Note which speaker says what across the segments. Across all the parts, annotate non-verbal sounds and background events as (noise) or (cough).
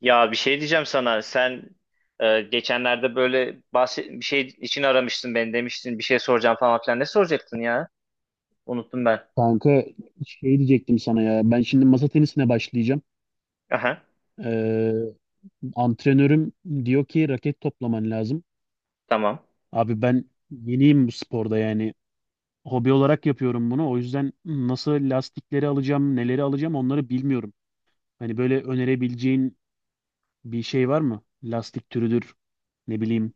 Speaker 1: Ya bir şey diyeceğim sana. Sen geçenlerde böyle bahset bir şey için aramıştın beni demiştin. Bir şey soracağım falan filan. Ne soracaktın ya? Unuttum ben.
Speaker 2: Kanka şey diyecektim sana ya. Ben şimdi masa tenisine başlayacağım.
Speaker 1: Aha,
Speaker 2: Ee, antrenörüm diyor ki raket toplaman lazım.
Speaker 1: tamam.
Speaker 2: Abi ben yeniyim bu sporda yani. Hobi olarak yapıyorum bunu. O yüzden nasıl lastikleri alacağım, neleri alacağım onları bilmiyorum. Hani böyle önerebileceğin bir şey var mı? Lastik türüdür, ne bileyim,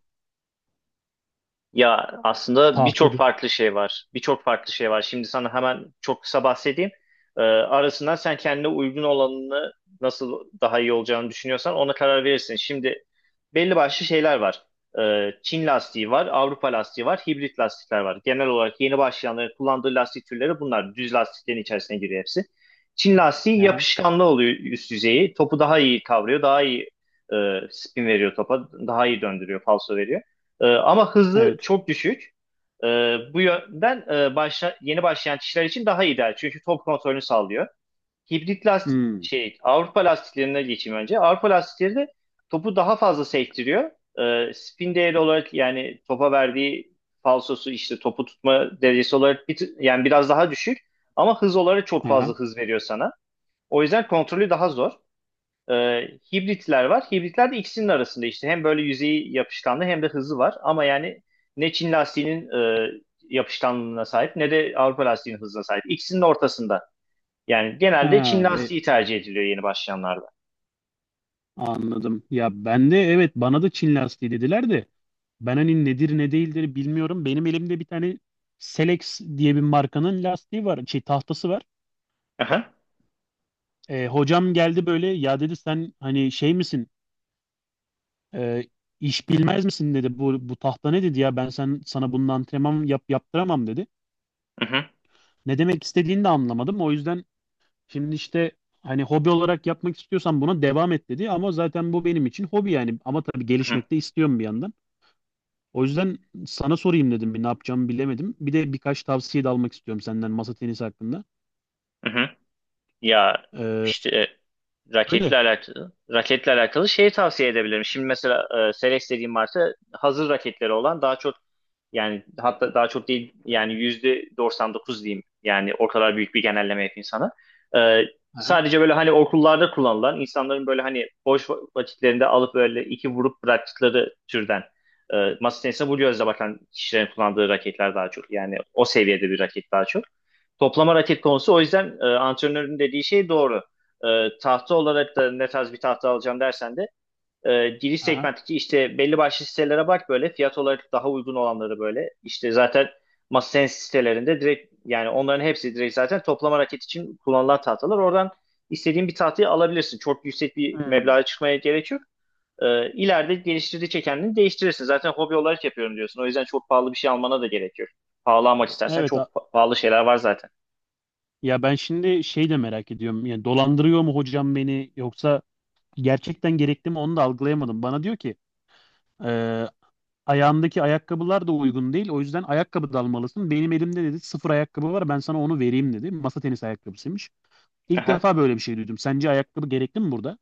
Speaker 1: Ya aslında birçok
Speaker 2: tahtadır.
Speaker 1: farklı şey var. Birçok farklı şey var. Şimdi sana hemen çok kısa bahsedeyim. Arasından sen kendine uygun olanını nasıl daha iyi olacağını düşünüyorsan ona karar verirsin. Şimdi belli başlı şeyler var. Çin lastiği var, Avrupa lastiği var, hibrit lastikler var. Genel olarak yeni başlayanların kullandığı lastik türleri bunlar. Düz lastiklerin içerisine giriyor hepsi. Çin lastiği
Speaker 2: Aha,
Speaker 1: yapışkanlı oluyor üst yüzeyi. Topu daha iyi kavruyor, daha iyi e, spin veriyor topa, daha iyi döndürüyor, falso veriyor. Ama hızı
Speaker 2: evet.
Speaker 1: çok düşük. Ee, Bu yönden yeni başlayan kişiler için daha ideal. Çünkü top kontrolünü sağlıyor. Hibrit lastik
Speaker 2: Hmm,
Speaker 1: şey Avrupa lastiklerine geçeyim önce. Avrupa lastikleri de topu daha fazla sektiriyor. Spin değeri olarak yani topa verdiği falsosu işte topu tutma derecesi olarak yani biraz daha düşük ama hız olarak çok fazla
Speaker 2: aha.
Speaker 1: hız veriyor sana. O yüzden kontrolü daha zor. E, Hibritler var. Hibritler de ikisinin arasında işte. Hem böyle yüzeyi yapışkanlı hem de hızı var. Ama yani ne Çin lastiğinin e, yapışkanlığına sahip ne de Avrupa lastiğinin hızına sahip. İkisinin ortasında. Yani genelde Çin
Speaker 2: Ha, e,
Speaker 1: lastiği tercih ediliyor yeni başlayanlarda.
Speaker 2: anladım. Ya ben de evet bana da Çin lastiği dediler de. Ben hani nedir ne değildir bilmiyorum. Benim elimde bir tane Selex diye bir markanın lastiği var, şey tahtası var.
Speaker 1: Aha,
Speaker 2: E, hocam geldi böyle ya dedi sen hani şey misin? E, iş bilmez misin dedi. Bu tahta ne dedi ya ben sen sana bunun antrenman yaptıramam dedi.
Speaker 1: aha,
Speaker 2: Ne demek istediğini de anlamadım. O yüzden şimdi işte hani hobi olarak yapmak istiyorsan buna devam et dedi. Ama zaten bu benim için hobi yani. Ama tabii
Speaker 1: aha,
Speaker 2: gelişmek de istiyorum bir yandan. O yüzden sana sorayım dedim bir ne yapacağımı bilemedim. Bir de birkaç tavsiye de almak istiyorum senden masa tenisi hakkında.
Speaker 1: aha. Ya
Speaker 2: Ee,
Speaker 1: işte raketle
Speaker 2: öyle.
Speaker 1: alakalı raketle alakalı şeyi tavsiye edebilirim. Şimdi mesela Selex dediğim marka hazır raketleri olan daha çok yani hatta daha çok değil yani %99 diyeyim. Yani o kadar büyük bir genelleme yapayım sana. E,
Speaker 2: Aha,
Speaker 1: Sadece böyle hani okullarda kullanılan insanların böyle hani boş vakitlerinde alıp böyle iki vurup bıraktıkları türden masa tenisine bu gözle bakan kişilerin kullandığı raketler daha çok. Yani o seviyede bir raket daha çok. Toplama raket konusu o yüzden antrenörün dediği şey doğru. Tahta olarak da ne tarz bir tahta alacağım dersen de giriş
Speaker 2: aha.
Speaker 1: segmentteki işte belli başlı sitelere bak böyle fiyat olarak daha uygun olanları böyle. İşte zaten MasterSense sitelerinde direkt yani onların hepsi direkt zaten toplama raket için kullanılan tahtalar. Oradan istediğin bir tahtayı alabilirsin. Çok yüksek bir
Speaker 2: Hmm.
Speaker 1: meblağa çıkmaya gerek yok. İleride geliştirdikçe kendini değiştirirsin. Zaten hobi olarak yapıyorum diyorsun. O yüzden çok pahalı bir şey almana da gerek yok. Pahalı almak istersen
Speaker 2: Evet
Speaker 1: çok pahalı şeyler var zaten.
Speaker 2: ya ben şimdi şey de merak ediyorum. Yani dolandırıyor mu hocam beni yoksa gerçekten gerekli mi onu da algılayamadım. Bana diyor ki e, ayağındaki ayakkabılar da uygun değil. O yüzden ayakkabı da almalısın. Benim elimde dedi sıfır ayakkabı var ben sana onu vereyim dedi. Masa tenisi ayakkabısıymış. İlk
Speaker 1: Aha.
Speaker 2: defa böyle bir şey duydum. Sence ayakkabı gerekli mi burada?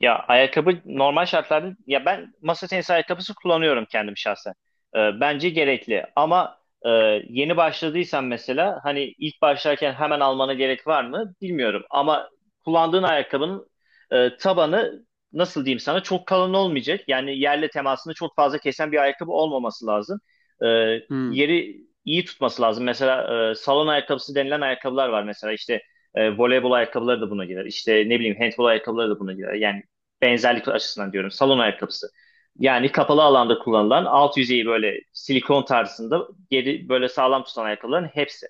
Speaker 1: Ya ayakkabı normal şartlarda ya ben masa tenisi ayakkabısı kullanıyorum kendim şahsen. Bence gerekli ama e, yeni başladıysan mesela hani ilk başlarken hemen almana gerek var mı bilmiyorum. Ama kullandığın ayakkabının tabanı nasıl diyeyim sana çok kalın olmayacak. Yani yerle temasını çok fazla kesen bir ayakkabı olmaması lazım. Ee,
Speaker 2: Hmm,
Speaker 1: Yeri iyi tutması lazım. Mesela salon ayakkabısı denilen ayakkabılar var mesela işte. Voleybol ayakkabıları da buna girer. İşte ne bileyim handbol ayakkabıları da buna girer. Yani benzerlik açısından diyorum. Salon ayakkabısı. Yani kapalı alanda kullanılan alt yüzeyi böyle silikon tarzında geri böyle sağlam tutan ayakkabıların hepsi.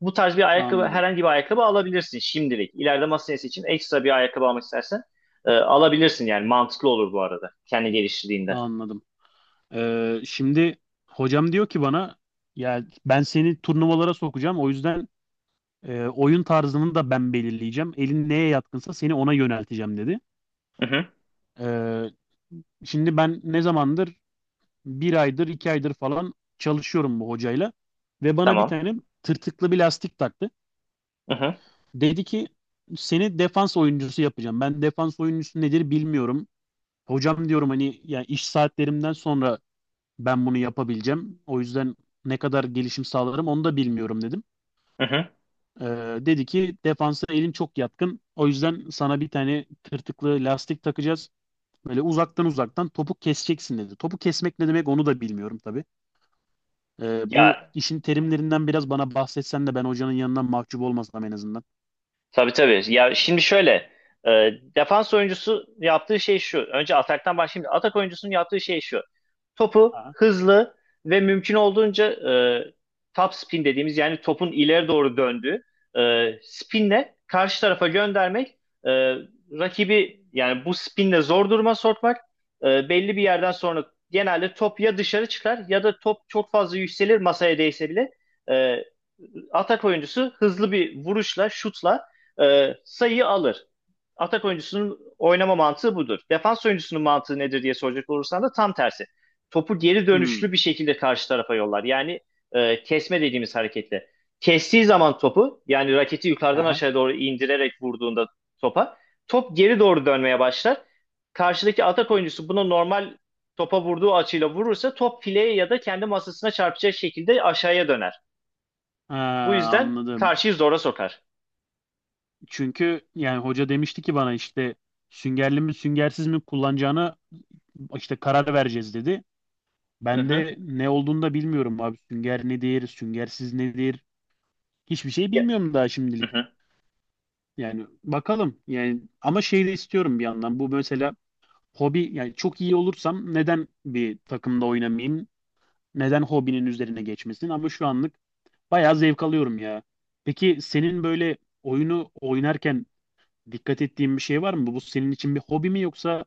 Speaker 1: Bu tarz bir ayakkabı
Speaker 2: anladım
Speaker 1: herhangi bir ayakkabı alabilirsin şimdilik. İleride masa tenisi için ekstra bir ayakkabı almak istersen alabilirsin yani mantıklı olur bu arada kendi geliştirdiğinde.
Speaker 2: anladım. Şimdi hocam diyor ki bana ya ben seni turnuvalara sokacağım. O yüzden oyun tarzını da ben belirleyeceğim. Elin neye yatkınsa seni ona yönelteceğim dedi.
Speaker 1: Hı hı,
Speaker 2: Ee, şimdi ben ne zamandır bir aydır iki aydır falan çalışıyorum bu hocayla ve bana bir
Speaker 1: tamam.
Speaker 2: tane tırtıklı bir lastik taktı.
Speaker 1: Hı hı,
Speaker 2: Dedi ki seni defans oyuncusu yapacağım. Ben defans oyuncusu nedir bilmiyorum. Hocam diyorum hani ya iş saatlerimden sonra ben bunu yapabileceğim. O yüzden ne kadar gelişim sağlarım onu da bilmiyorum dedim.
Speaker 1: hı hı.
Speaker 2: Ee, dedi ki defansa elim çok yatkın. O yüzden sana bir tane tırtıklı lastik takacağız. Böyle uzaktan topu keseceksin dedi. Topu kesmek ne demek onu da bilmiyorum tabii. Bu
Speaker 1: Ya
Speaker 2: işin terimlerinden biraz bana bahsetsen de ben hocanın yanından mahcup olmasam en azından.
Speaker 1: tabii tabii. Ya şimdi şöyle e, defans oyuncusu yaptığı şey şu. Önce ataktan başlayayım. Atak oyuncusunun yaptığı şey şu. Topu
Speaker 2: Aha.
Speaker 1: hızlı ve mümkün olduğunca e, top spin dediğimiz yani topun ileri doğru döndüğü spinle karşı tarafa göndermek, e, rakibi yani bu spinle zor duruma sokmak belli bir yerden sonra genelde top ya dışarı çıkar ya da top çok fazla yükselir masaya değse bile e, atak oyuncusu hızlı bir vuruşla, şutla sayıyı alır. Atak oyuncusunun oynama mantığı budur. Defans oyuncusunun mantığı nedir diye soracak olursan da tam tersi topu geri
Speaker 2: Hmm.
Speaker 1: dönüşlü bir şekilde karşı tarafa yollar. Yani kesme dediğimiz hareketle. Kestiği zaman topu yani raketi yukarıdan
Speaker 2: Aha.
Speaker 1: aşağı doğru indirerek vurduğunda topa top geri doğru dönmeye başlar. Karşıdaki atak oyuncusu bunu normal topa vurduğu açıyla vurursa top fileye ya da kendi masasına çarpacak şekilde aşağıya döner.
Speaker 2: Ha,
Speaker 1: Bu yüzden
Speaker 2: anladım.
Speaker 1: karşıyı zora sokar.
Speaker 2: Çünkü yani hoca demişti ki bana işte süngerli mi süngersiz mi kullanacağını işte karar vereceğiz dedi.
Speaker 1: Hı
Speaker 2: Ben
Speaker 1: hı.
Speaker 2: de ne olduğunu da bilmiyorum abi. Sünger ne nedir, süngersiz nedir? Hiçbir şey
Speaker 1: Ya,
Speaker 2: bilmiyorum daha
Speaker 1: hı
Speaker 2: şimdilik.
Speaker 1: hı.
Speaker 2: Yani bakalım. Yani ama şey de istiyorum bir yandan. Bu mesela hobi yani çok iyi olursam neden bir takımda oynamayayım? Neden hobinin üzerine geçmesin? Ama şu anlık bayağı zevk alıyorum ya. Peki senin böyle oyunu oynarken dikkat ettiğin bir şey var mı? Bu senin için bir hobi mi yoksa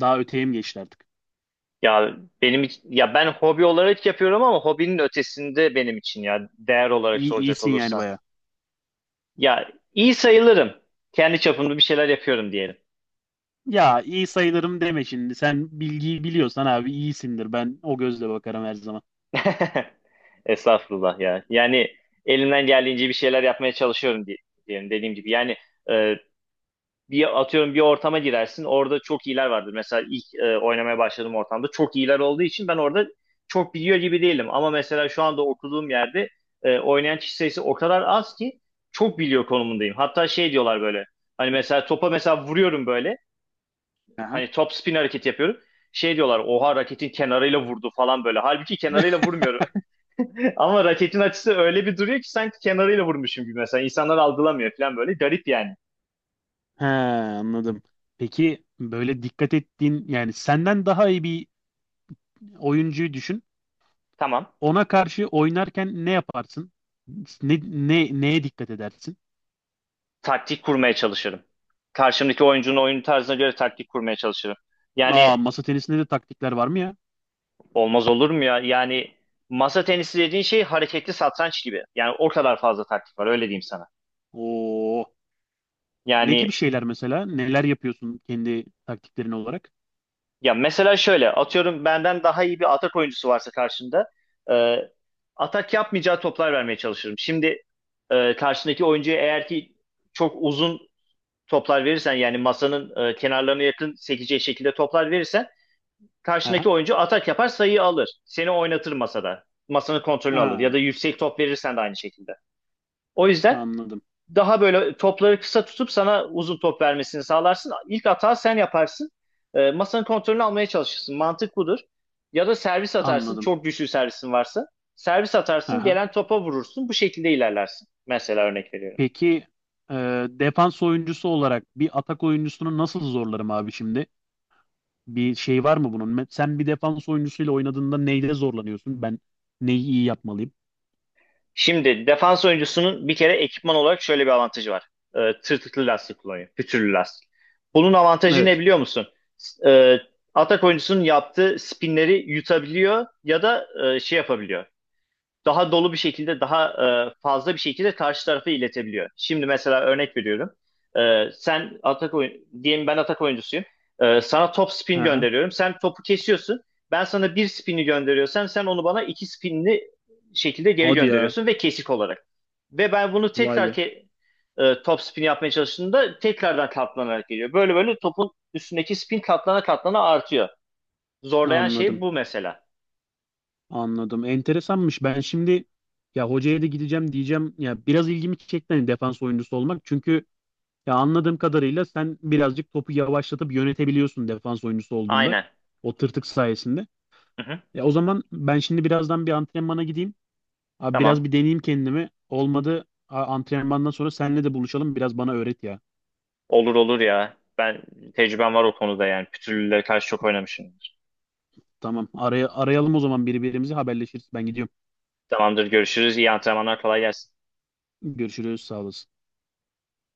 Speaker 2: daha öteye mi geçti artık?
Speaker 1: Ya Ya ben hobi olarak yapıyorum ama hobinin ötesinde benim için ya değer olarak
Speaker 2: İyi,
Speaker 1: soracak
Speaker 2: iyisin yani
Speaker 1: olursan.
Speaker 2: bayağı.
Speaker 1: Ya iyi sayılırım. Kendi çapımda bir şeyler yapıyorum diyelim.
Speaker 2: Ya iyi sayılırım deme şimdi. Sen bilgiyi biliyorsan abi iyisindir. Ben o gözle bakarım her zaman.
Speaker 1: (laughs) Estağfurullah ya. Yani elimden geldiğince bir şeyler yapmaya çalışıyorum diyelim dediğim gibi. Yani e, bir atıyorum bir ortama girersin. Orada çok iyiler vardır. Mesela ilk oynamaya başladığım ortamda çok iyiler olduğu için ben orada çok biliyor gibi değilim. Ama mesela şu anda okuduğum yerde oynayan kişi sayısı o kadar az ki çok biliyor konumundayım. Hatta şey diyorlar böyle. Hani mesela topa mesela vuruyorum böyle.
Speaker 2: Aha.
Speaker 1: Hani top spin hareket yapıyorum. Şey diyorlar oha raketin kenarıyla vurdu falan böyle. Halbuki kenarıyla vurmuyorum. (laughs) Ama raketin açısı öyle bir duruyor ki sanki kenarıyla vurmuşum gibi mesela. İnsanlar algılamıyor falan böyle. Garip yani.
Speaker 2: He anladım. Peki böyle dikkat ettiğin yani senden daha iyi bir oyuncuyu düşün.
Speaker 1: Tamam.
Speaker 2: Ona karşı oynarken ne yaparsın? Neye dikkat edersin?
Speaker 1: Taktik kurmaya çalışırım. Karşımdaki oyuncunun oyun tarzına göre taktik kurmaya çalışırım. Yani
Speaker 2: Aa masa tenisinde de taktikler var mı ya?
Speaker 1: olmaz olur mu ya? Yani masa tenisi dediğin şey hareketli satranç gibi. Yani o kadar fazla taktik var öyle diyeyim sana.
Speaker 2: Oo. Ne gibi
Speaker 1: Yani
Speaker 2: şeyler mesela? Neler yapıyorsun kendi taktiklerin olarak?
Speaker 1: ya mesela şöyle atıyorum benden daha iyi bir atak oyuncusu varsa karşında e, atak yapmayacağı toplar vermeye çalışırım. Şimdi karşındaki oyuncuya eğer ki çok uzun toplar verirsen yani masanın kenarlarına yakın sekeceği şekilde toplar verirsen karşındaki
Speaker 2: Aha.
Speaker 1: oyuncu atak yapar sayıyı alır. Seni oynatır masada. Masanın kontrolünü alır ya da
Speaker 2: Ha,
Speaker 1: yüksek top verirsen de aynı şekilde. O yüzden
Speaker 2: anladım.
Speaker 1: daha böyle topları kısa tutup sana uzun top vermesini sağlarsın. İlk hata sen yaparsın. Masanın kontrolünü almaya çalışırsın. Mantık budur. Ya da servis atarsın.
Speaker 2: Anladım.
Speaker 1: Çok güçlü servisin varsa. Servis atarsın. Gelen topa vurursun. Bu şekilde ilerlersin. Mesela örnek veriyorum.
Speaker 2: Peki e, defans oyuncusu olarak bir atak oyuncusunu nasıl zorlarım abi şimdi? Bir şey var mı bunun? Me- Sen bir defans oyuncusuyla oynadığında neyle zorlanıyorsun? Ben neyi iyi yapmalıyım?
Speaker 1: Şimdi defans oyuncusunun bir kere ekipman olarak şöyle bir avantajı var. Tırtıklı lastik kullanıyor. Pütürlü lastik. Bunun avantajı ne
Speaker 2: Evet.
Speaker 1: biliyor musun? S- E, Atak oyuncusunun yaptığı spinleri yutabiliyor ya da şey yapabiliyor daha dolu bir şekilde, daha fazla bir şekilde karşı tarafa iletebiliyor. Şimdi mesela örnek veriyorum. E, sen atak oyun, Diyelim ben atak oyuncusuyum. Sana top spin
Speaker 2: Aha.
Speaker 1: gönderiyorum. Sen topu kesiyorsun. Ben sana bir spini gönderiyorsam sen onu bana iki spinli şekilde geri
Speaker 2: Hadi ya.
Speaker 1: gönderiyorsun ve kesik olarak. Ve ben bunu
Speaker 2: Vay
Speaker 1: tekrar
Speaker 2: be.
Speaker 1: top spin yapmaya çalıştığımda tekrardan katlanarak geliyor. Böyle böyle topun üstündeki spin katlana katlana artıyor. Zorlayan şey
Speaker 2: Anladım.
Speaker 1: bu mesela.
Speaker 2: Anladım. Enteresanmış. Ben şimdi ya hocaya da gideceğim diyeceğim. Ya biraz ilgimi çekti hani defans oyuncusu olmak. Çünkü ya anladığım kadarıyla sen birazcık topu yavaşlatıp yönetebiliyorsun defans oyuncusu olduğunda.
Speaker 1: Aynen.
Speaker 2: O tırtık sayesinde.
Speaker 1: Hı hı.
Speaker 2: Ya o zaman ben şimdi birazdan bir antrenmana gideyim. Abi biraz
Speaker 1: Tamam.
Speaker 2: bir deneyeyim kendimi. Olmadı antrenmandan sonra seninle de buluşalım. Biraz bana öğret ya.
Speaker 1: Olur olur ya. Ben tecrübem var o konuda yani. Pütürlülere karşı çok oynamışım.
Speaker 2: Tamam. Arayalım o zaman birbirimizi haberleşiriz. Ben gidiyorum.
Speaker 1: Tamamdır görüşürüz. İyi antrenmanlar kolay gelsin.
Speaker 2: Görüşürüz. Sağ olasın.